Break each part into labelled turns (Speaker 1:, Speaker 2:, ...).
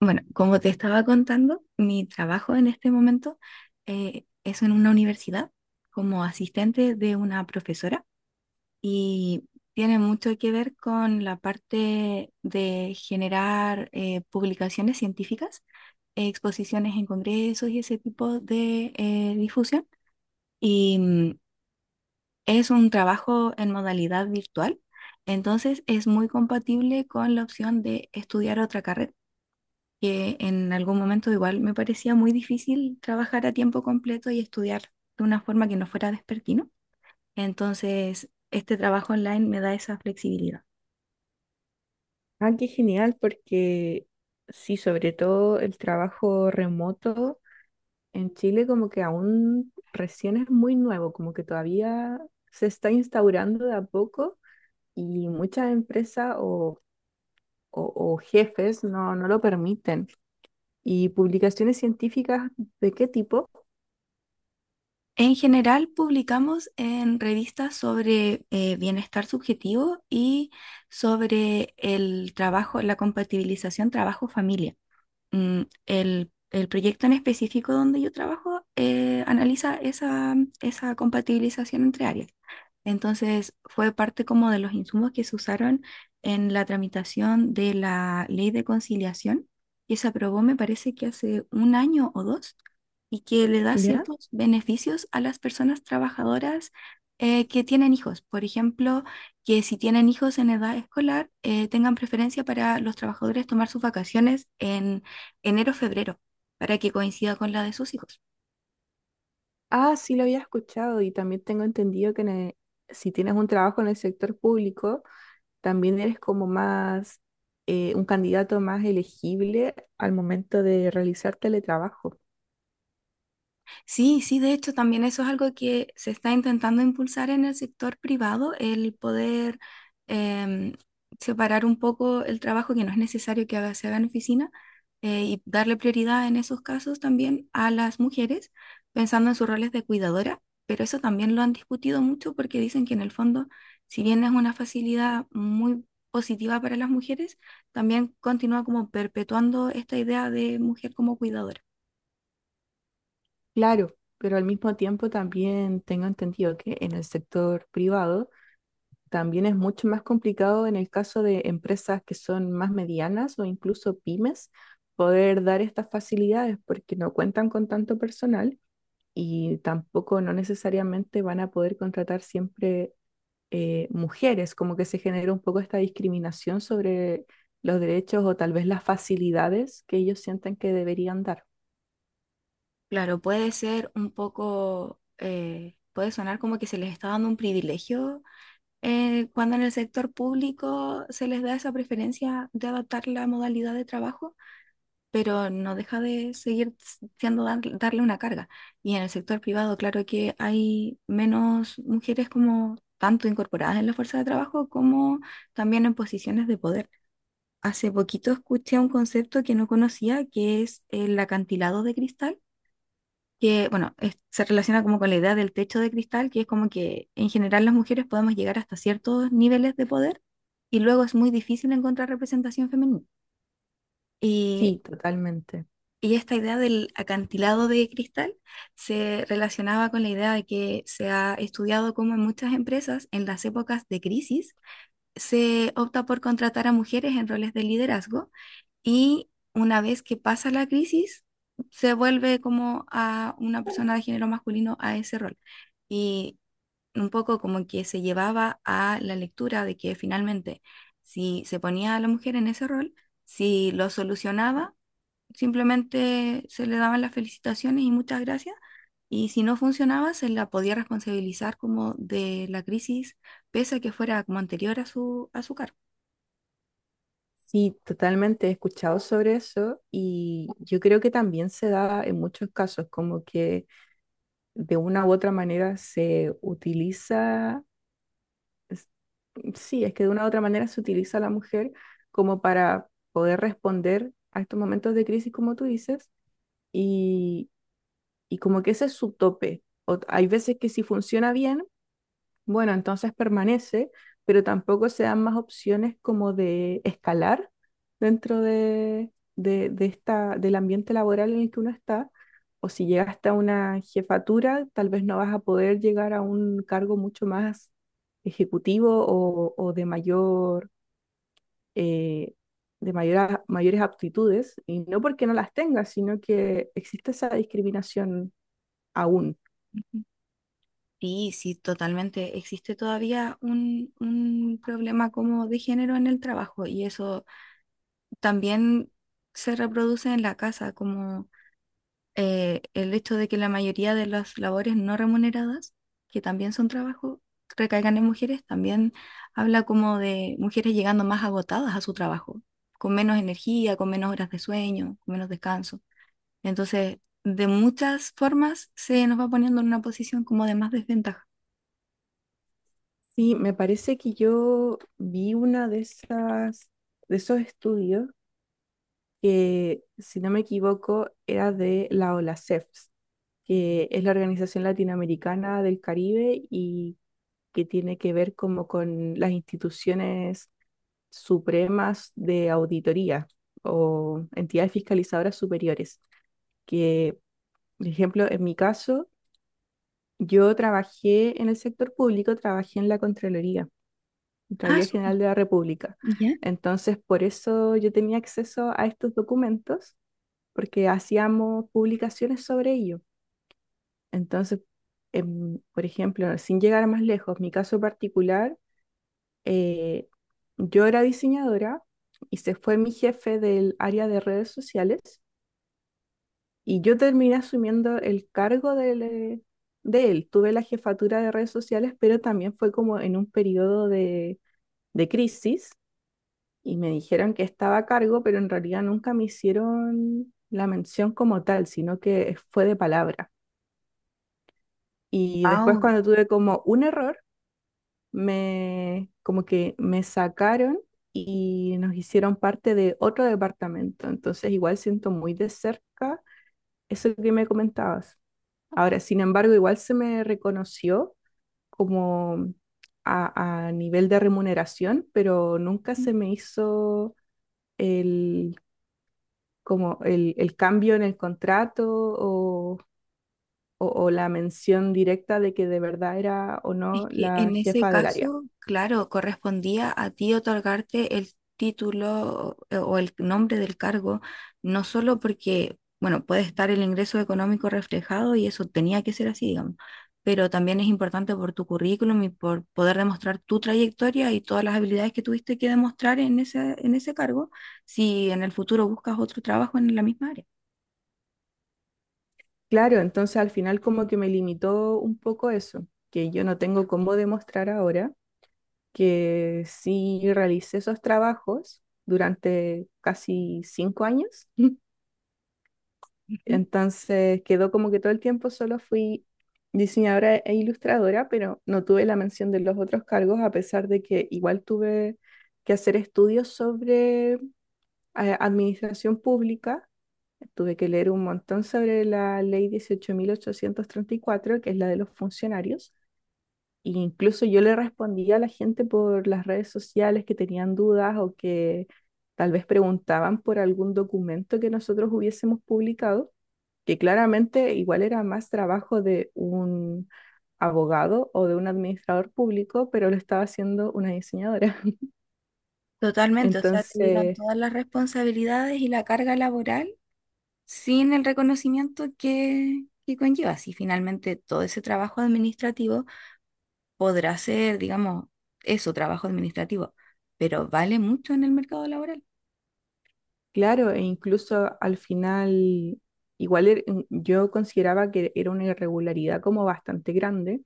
Speaker 1: Bueno, como te estaba contando, mi trabajo en este momento es en una universidad como asistente de una profesora y tiene mucho que ver con la parte de generar publicaciones científicas, exposiciones en congresos y ese tipo de difusión. Y mm, es un trabajo en modalidad virtual, entonces es muy compatible con la opción de estudiar otra carrera que en algún momento igual me parecía muy difícil trabajar a tiempo completo y estudiar de una forma que no fuera despertino. Entonces, este trabajo online me da esa flexibilidad.
Speaker 2: Ah, qué genial, porque sí, sobre todo el trabajo remoto en Chile como que aún recién es muy nuevo, como que todavía se está instaurando de a poco y muchas empresas o jefes no, no lo permiten. ¿Y publicaciones científicas de qué tipo?
Speaker 1: En general, publicamos en revistas sobre bienestar subjetivo y sobre el trabajo, la compatibilización trabajo-familia. El proyecto en específico donde yo trabajo analiza esa, esa compatibilización entre áreas. Entonces, fue parte como de los insumos que se usaron en la tramitación de la ley de conciliación, que se aprobó, me parece que hace un año o dos, y que le da
Speaker 2: ¿Ya?
Speaker 1: ciertos beneficios a las personas trabajadoras que tienen hijos. Por ejemplo, que si tienen hijos en edad escolar, tengan preferencia para los trabajadores tomar sus vacaciones en enero-febrero, para que coincida con la de sus hijos.
Speaker 2: Ah, sí, lo había escuchado y también tengo entendido que si tienes un trabajo en el sector público, también eres como más un candidato más elegible al momento de realizar teletrabajo.
Speaker 1: Sí, sí, de hecho, también eso es algo que se está intentando impulsar en el sector privado, el poder em, separar un poco el trabajo que no es necesario que se haga en oficina y darle prioridad en esos casos también a las mujeres, pensando en sus roles de cuidadora, pero eso también lo han discutido mucho porque dicen que en el fondo, si bien es una facilidad muy positiva para las mujeres, también continúa como perpetuando esta idea de mujer como cuidadora.
Speaker 2: Claro, pero al mismo tiempo también tengo entendido que en el sector privado también es mucho más complicado en el caso de empresas que son más medianas o incluso pymes poder dar estas facilidades porque no cuentan con tanto personal y tampoco no necesariamente van a poder contratar siempre mujeres, como que se genera un poco esta discriminación sobre los derechos o tal vez las facilidades que ellos sienten que deberían dar.
Speaker 1: Claro, puede ser un poco, puede sonar como que se les está dando un privilegio cuando en el sector público se les da esa preferencia de adaptar la modalidad de trabajo, pero no deja de seguir siendo darle una carga. Y en el sector privado, claro que hay menos mujeres como tanto incorporadas en la fuerza de trabajo como también en posiciones de poder. Hace poquito escuché un concepto que no conocía, que es el acantilado de cristal que, bueno, se relaciona como con la idea del techo de cristal, que es como que en general las mujeres podemos llegar hasta ciertos niveles de poder y luego es muy difícil encontrar representación femenina. Y,
Speaker 2: Sí, totalmente.
Speaker 1: y esta idea del acantilado de cristal se relacionaba con la idea de que se ha estudiado cómo en muchas empresas, en las épocas de crisis, se opta por contratar a mujeres en roles de liderazgo y una vez que pasa la crisis, se vuelve como a una persona de género masculino a ese rol. Y un poco como que se llevaba a la lectura de que finalmente, si se ponía a la mujer en ese rol, si lo solucionaba, simplemente se le daban las felicitaciones y muchas gracias. Y si no funcionaba, se la podía responsabilizar como de la crisis, pese a que fuera como anterior a su cargo.
Speaker 2: Sí, totalmente. He escuchado sobre eso y yo creo que también se da en muchos casos, como que de una u otra manera se utiliza, es- sí, es que de una u otra manera se utiliza a la mujer como para poder responder a estos momentos de crisis, como tú dices, y como que ese es su tope. Hay veces que si funciona bien, bueno, entonces permanece, pero tampoco se dan más opciones como de escalar dentro de esta, del ambiente laboral en el que uno está. O si llegas hasta una jefatura, tal vez no vas a poder llegar a un cargo mucho más ejecutivo o de mayor, eh, mayores aptitudes, y no porque no las tengas, sino que existe esa discriminación aún.
Speaker 1: Sí, sí, totalmente. Existe todavía un problema como de género en el trabajo y eso también se reproduce en la casa, como el hecho de que la mayoría de las labores no remuneradas, que también son trabajo, recaigan en mujeres, también habla como de mujeres llegando más agotadas a su trabajo, con menos energía, con menos horas de sueño, con menos descanso. Entonces, de muchas formas se nos va poniendo en una posición como de más desventaja.
Speaker 2: Sí, me parece que yo vi una de esas, de esos estudios que, si no me equivoco, era de la OLACEF, que es la Organización Latinoamericana del Caribe y que tiene que ver como con las instituciones supremas de auditoría o entidades fiscalizadoras superiores. Que, por ejemplo, en mi caso, yo trabajé en el sector público, trabajé en la Contraloría.
Speaker 1: Ah,
Speaker 2: Contraloría
Speaker 1: súper.
Speaker 2: General de la República. Entonces, por eso yo tenía acceso a estos documentos, porque hacíamos publicaciones sobre ello. Entonces, por ejemplo, sin llegar más lejos, mi caso particular, eh, yo era diseñadora y se fue mi jefe del área de redes sociales y yo terminé asumiendo el cargo de él. Tuve la jefatura de redes sociales, pero también fue como en un periodo de crisis y me dijeron que estaba a cargo, pero en realidad nunca me hicieron la mención como tal, sino que fue de palabra. Y después
Speaker 1: Au,
Speaker 2: cuando tuve como un error, me como que me sacaron y nos hicieron parte de otro departamento. Entonces igual siento muy de cerca eso que me comentabas. Ahora, sin embargo, igual se me reconoció como a nivel de remuneración, pero nunca se me hizo el como el cambio en el contrato o la mención directa de que de verdad era o no
Speaker 1: es que
Speaker 2: la
Speaker 1: en ese
Speaker 2: jefa del área.
Speaker 1: caso, claro, correspondía a ti otorgarte el título o el nombre del cargo, no solo porque, bueno, puede estar el ingreso económico reflejado y eso tenía que ser así, digamos, pero también es importante por tu currículum y por poder demostrar tu trayectoria y todas las habilidades que tuviste que demostrar en ese cargo, si en el futuro buscas otro trabajo en la misma área.
Speaker 2: Claro, entonces al final como que me limitó un poco eso, que yo no tengo cómo demostrar ahora que sí realicé esos trabajos durante casi 5 años.
Speaker 1: Ujú.
Speaker 2: Entonces quedó como que todo el tiempo solo fui diseñadora e ilustradora, pero no tuve la mención de los otros cargos, a pesar de que igual tuve que hacer estudios sobre administración pública. Tuve que leer un montón sobre la ley 18.834 que es la de los funcionarios. E incluso yo le respondía a la gente por las redes sociales que tenían dudas o que tal vez preguntaban por algún documento que nosotros hubiésemos publicado que claramente igual era más trabajo de un abogado o de un administrador público, pero lo estaba haciendo una diseñadora.
Speaker 1: Totalmente, o sea, te dieron
Speaker 2: Entonces,
Speaker 1: todas las responsabilidades y la carga laboral sin el reconocimiento que conlleva. Si finalmente todo ese trabajo administrativo podrá ser, digamos, eso, trabajo administrativo, pero vale mucho en el mercado laboral.
Speaker 2: claro, e incluso al final, igual yo consideraba que era una irregularidad como bastante grande,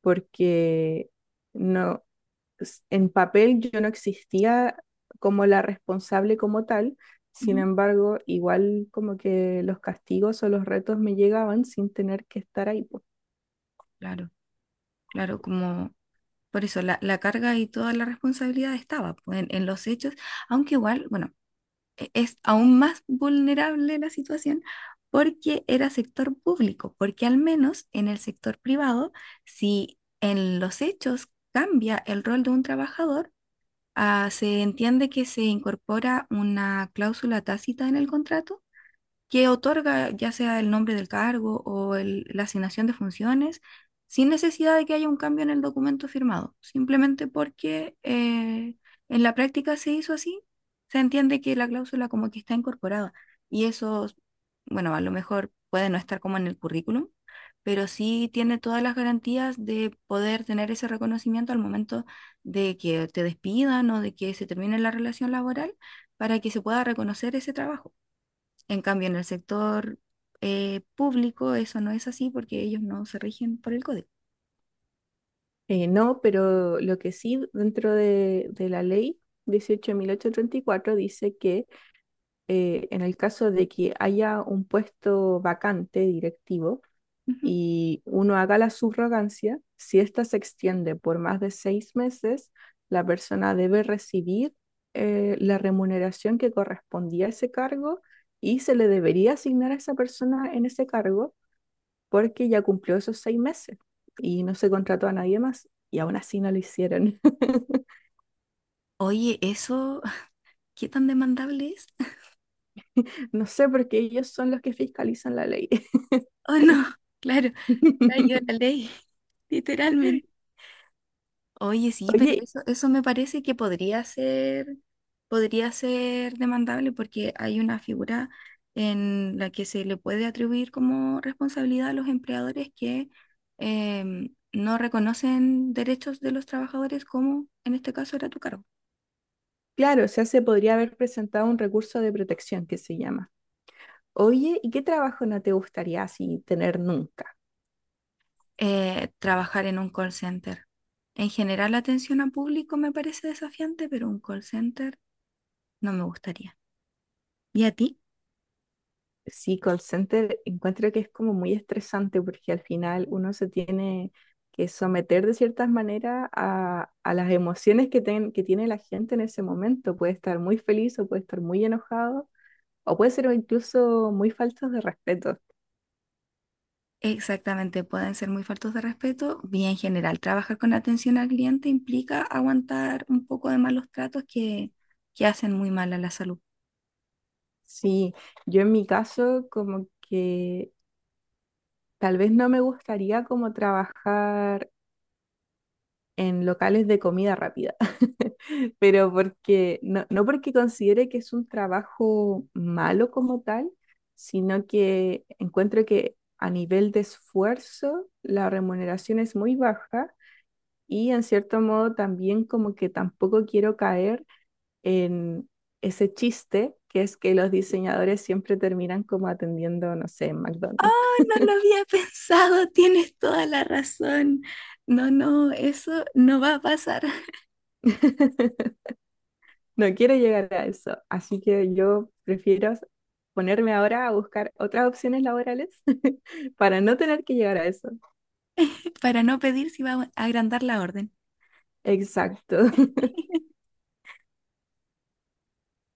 Speaker 2: porque no, en papel yo no existía como la responsable como tal, sin
Speaker 1: Ujú.
Speaker 2: embargo, igual como que los castigos o los retos me llegaban sin tener que estar ahí, po.
Speaker 1: Claro, claro, como por eso la carga y toda la responsabilidad estaba pues, en los hechos, aunque igual, bueno, es aún más vulnerable la situación porque era sector público, porque al menos en el sector privado, si en los hechos cambia el rol de un trabajador, ah, se entiende que se incorpora una cláusula tácita en el contrato que otorga ya sea el nombre del cargo o la asignación de funciones, sin necesidad de que haya un cambio en el documento firmado, simplemente porque en la práctica se hizo así, se entiende que la cláusula como que está incorporada y eso, bueno, a lo mejor puede no estar como en el currículum, pero sí tiene todas las garantías de poder tener ese reconocimiento al momento de que te despidan o de que se termine la relación laboral para que se pueda reconocer ese trabajo. En cambio, en el sector público eso no es así porque ellos no se rigen por el código.
Speaker 2: No, pero lo que sí dentro de la ley 18.834 dice que en el caso de que haya un puesto vacante directivo
Speaker 1: Ujú.
Speaker 2: y uno haga la subrogancia, si ésta se extiende por más de 6 meses, la persona debe recibir la remuneración que correspondía a ese cargo y se le debería asignar a esa persona en ese cargo porque ya cumplió esos 6 meses y no se contrató a nadie más y aún así no lo hicieron.
Speaker 1: Oye, ¿eso qué tan demandable es?
Speaker 2: No sé, porque ellos son los que fiscalizan la ley.
Speaker 1: Oh, no, claro, cayó la ley, literalmente. Oye, sí, pero
Speaker 2: Oye,
Speaker 1: eso me parece que podría ser demandable porque hay una figura en la que se le puede atribuir como responsabilidad a los empleadores que no reconocen derechos de los trabajadores, como en este caso era tu cargo.
Speaker 2: claro, o sea, se podría haber presentado un recurso de protección que se llama. Oye, ¿y qué trabajo no te gustaría así tener nunca?
Speaker 1: Eh, trabajar en un call center. En general, la atención a público me parece desafiante, pero un call center no me gustaría. ¿Y a ti?
Speaker 2: Sí, call center encuentro que es como muy estresante porque al final uno se tiene que someter de ciertas maneras a las emociones que tiene la gente en ese momento. Puede estar muy feliz o puede estar muy enojado o puede ser incluso muy faltos de respeto.
Speaker 1: Exactamente, pueden ser muy faltos de respeto. Bien general, trabajar con atención al cliente implica aguantar un poco de malos tratos que hacen muy mal a la salud.
Speaker 2: Sí, yo en mi caso como que tal vez no me gustaría como trabajar en locales de comida rápida, pero porque no, no porque considere que es un trabajo malo como tal, sino que encuentro que a nivel de esfuerzo la remuneración es muy baja y en cierto modo también como que tampoco quiero caer en ese chiste que es que los diseñadores siempre terminan como atendiendo, no sé, en McDonald's.
Speaker 1: Oh, no lo había pensado, tienes toda la razón. No, no, eso no va a pasar.
Speaker 2: No quiero llegar a eso, así que yo prefiero ponerme ahora a buscar otras opciones laborales para no tener que llegar a eso.
Speaker 1: Para no pedir, si va a agrandar la orden.
Speaker 2: Exacto.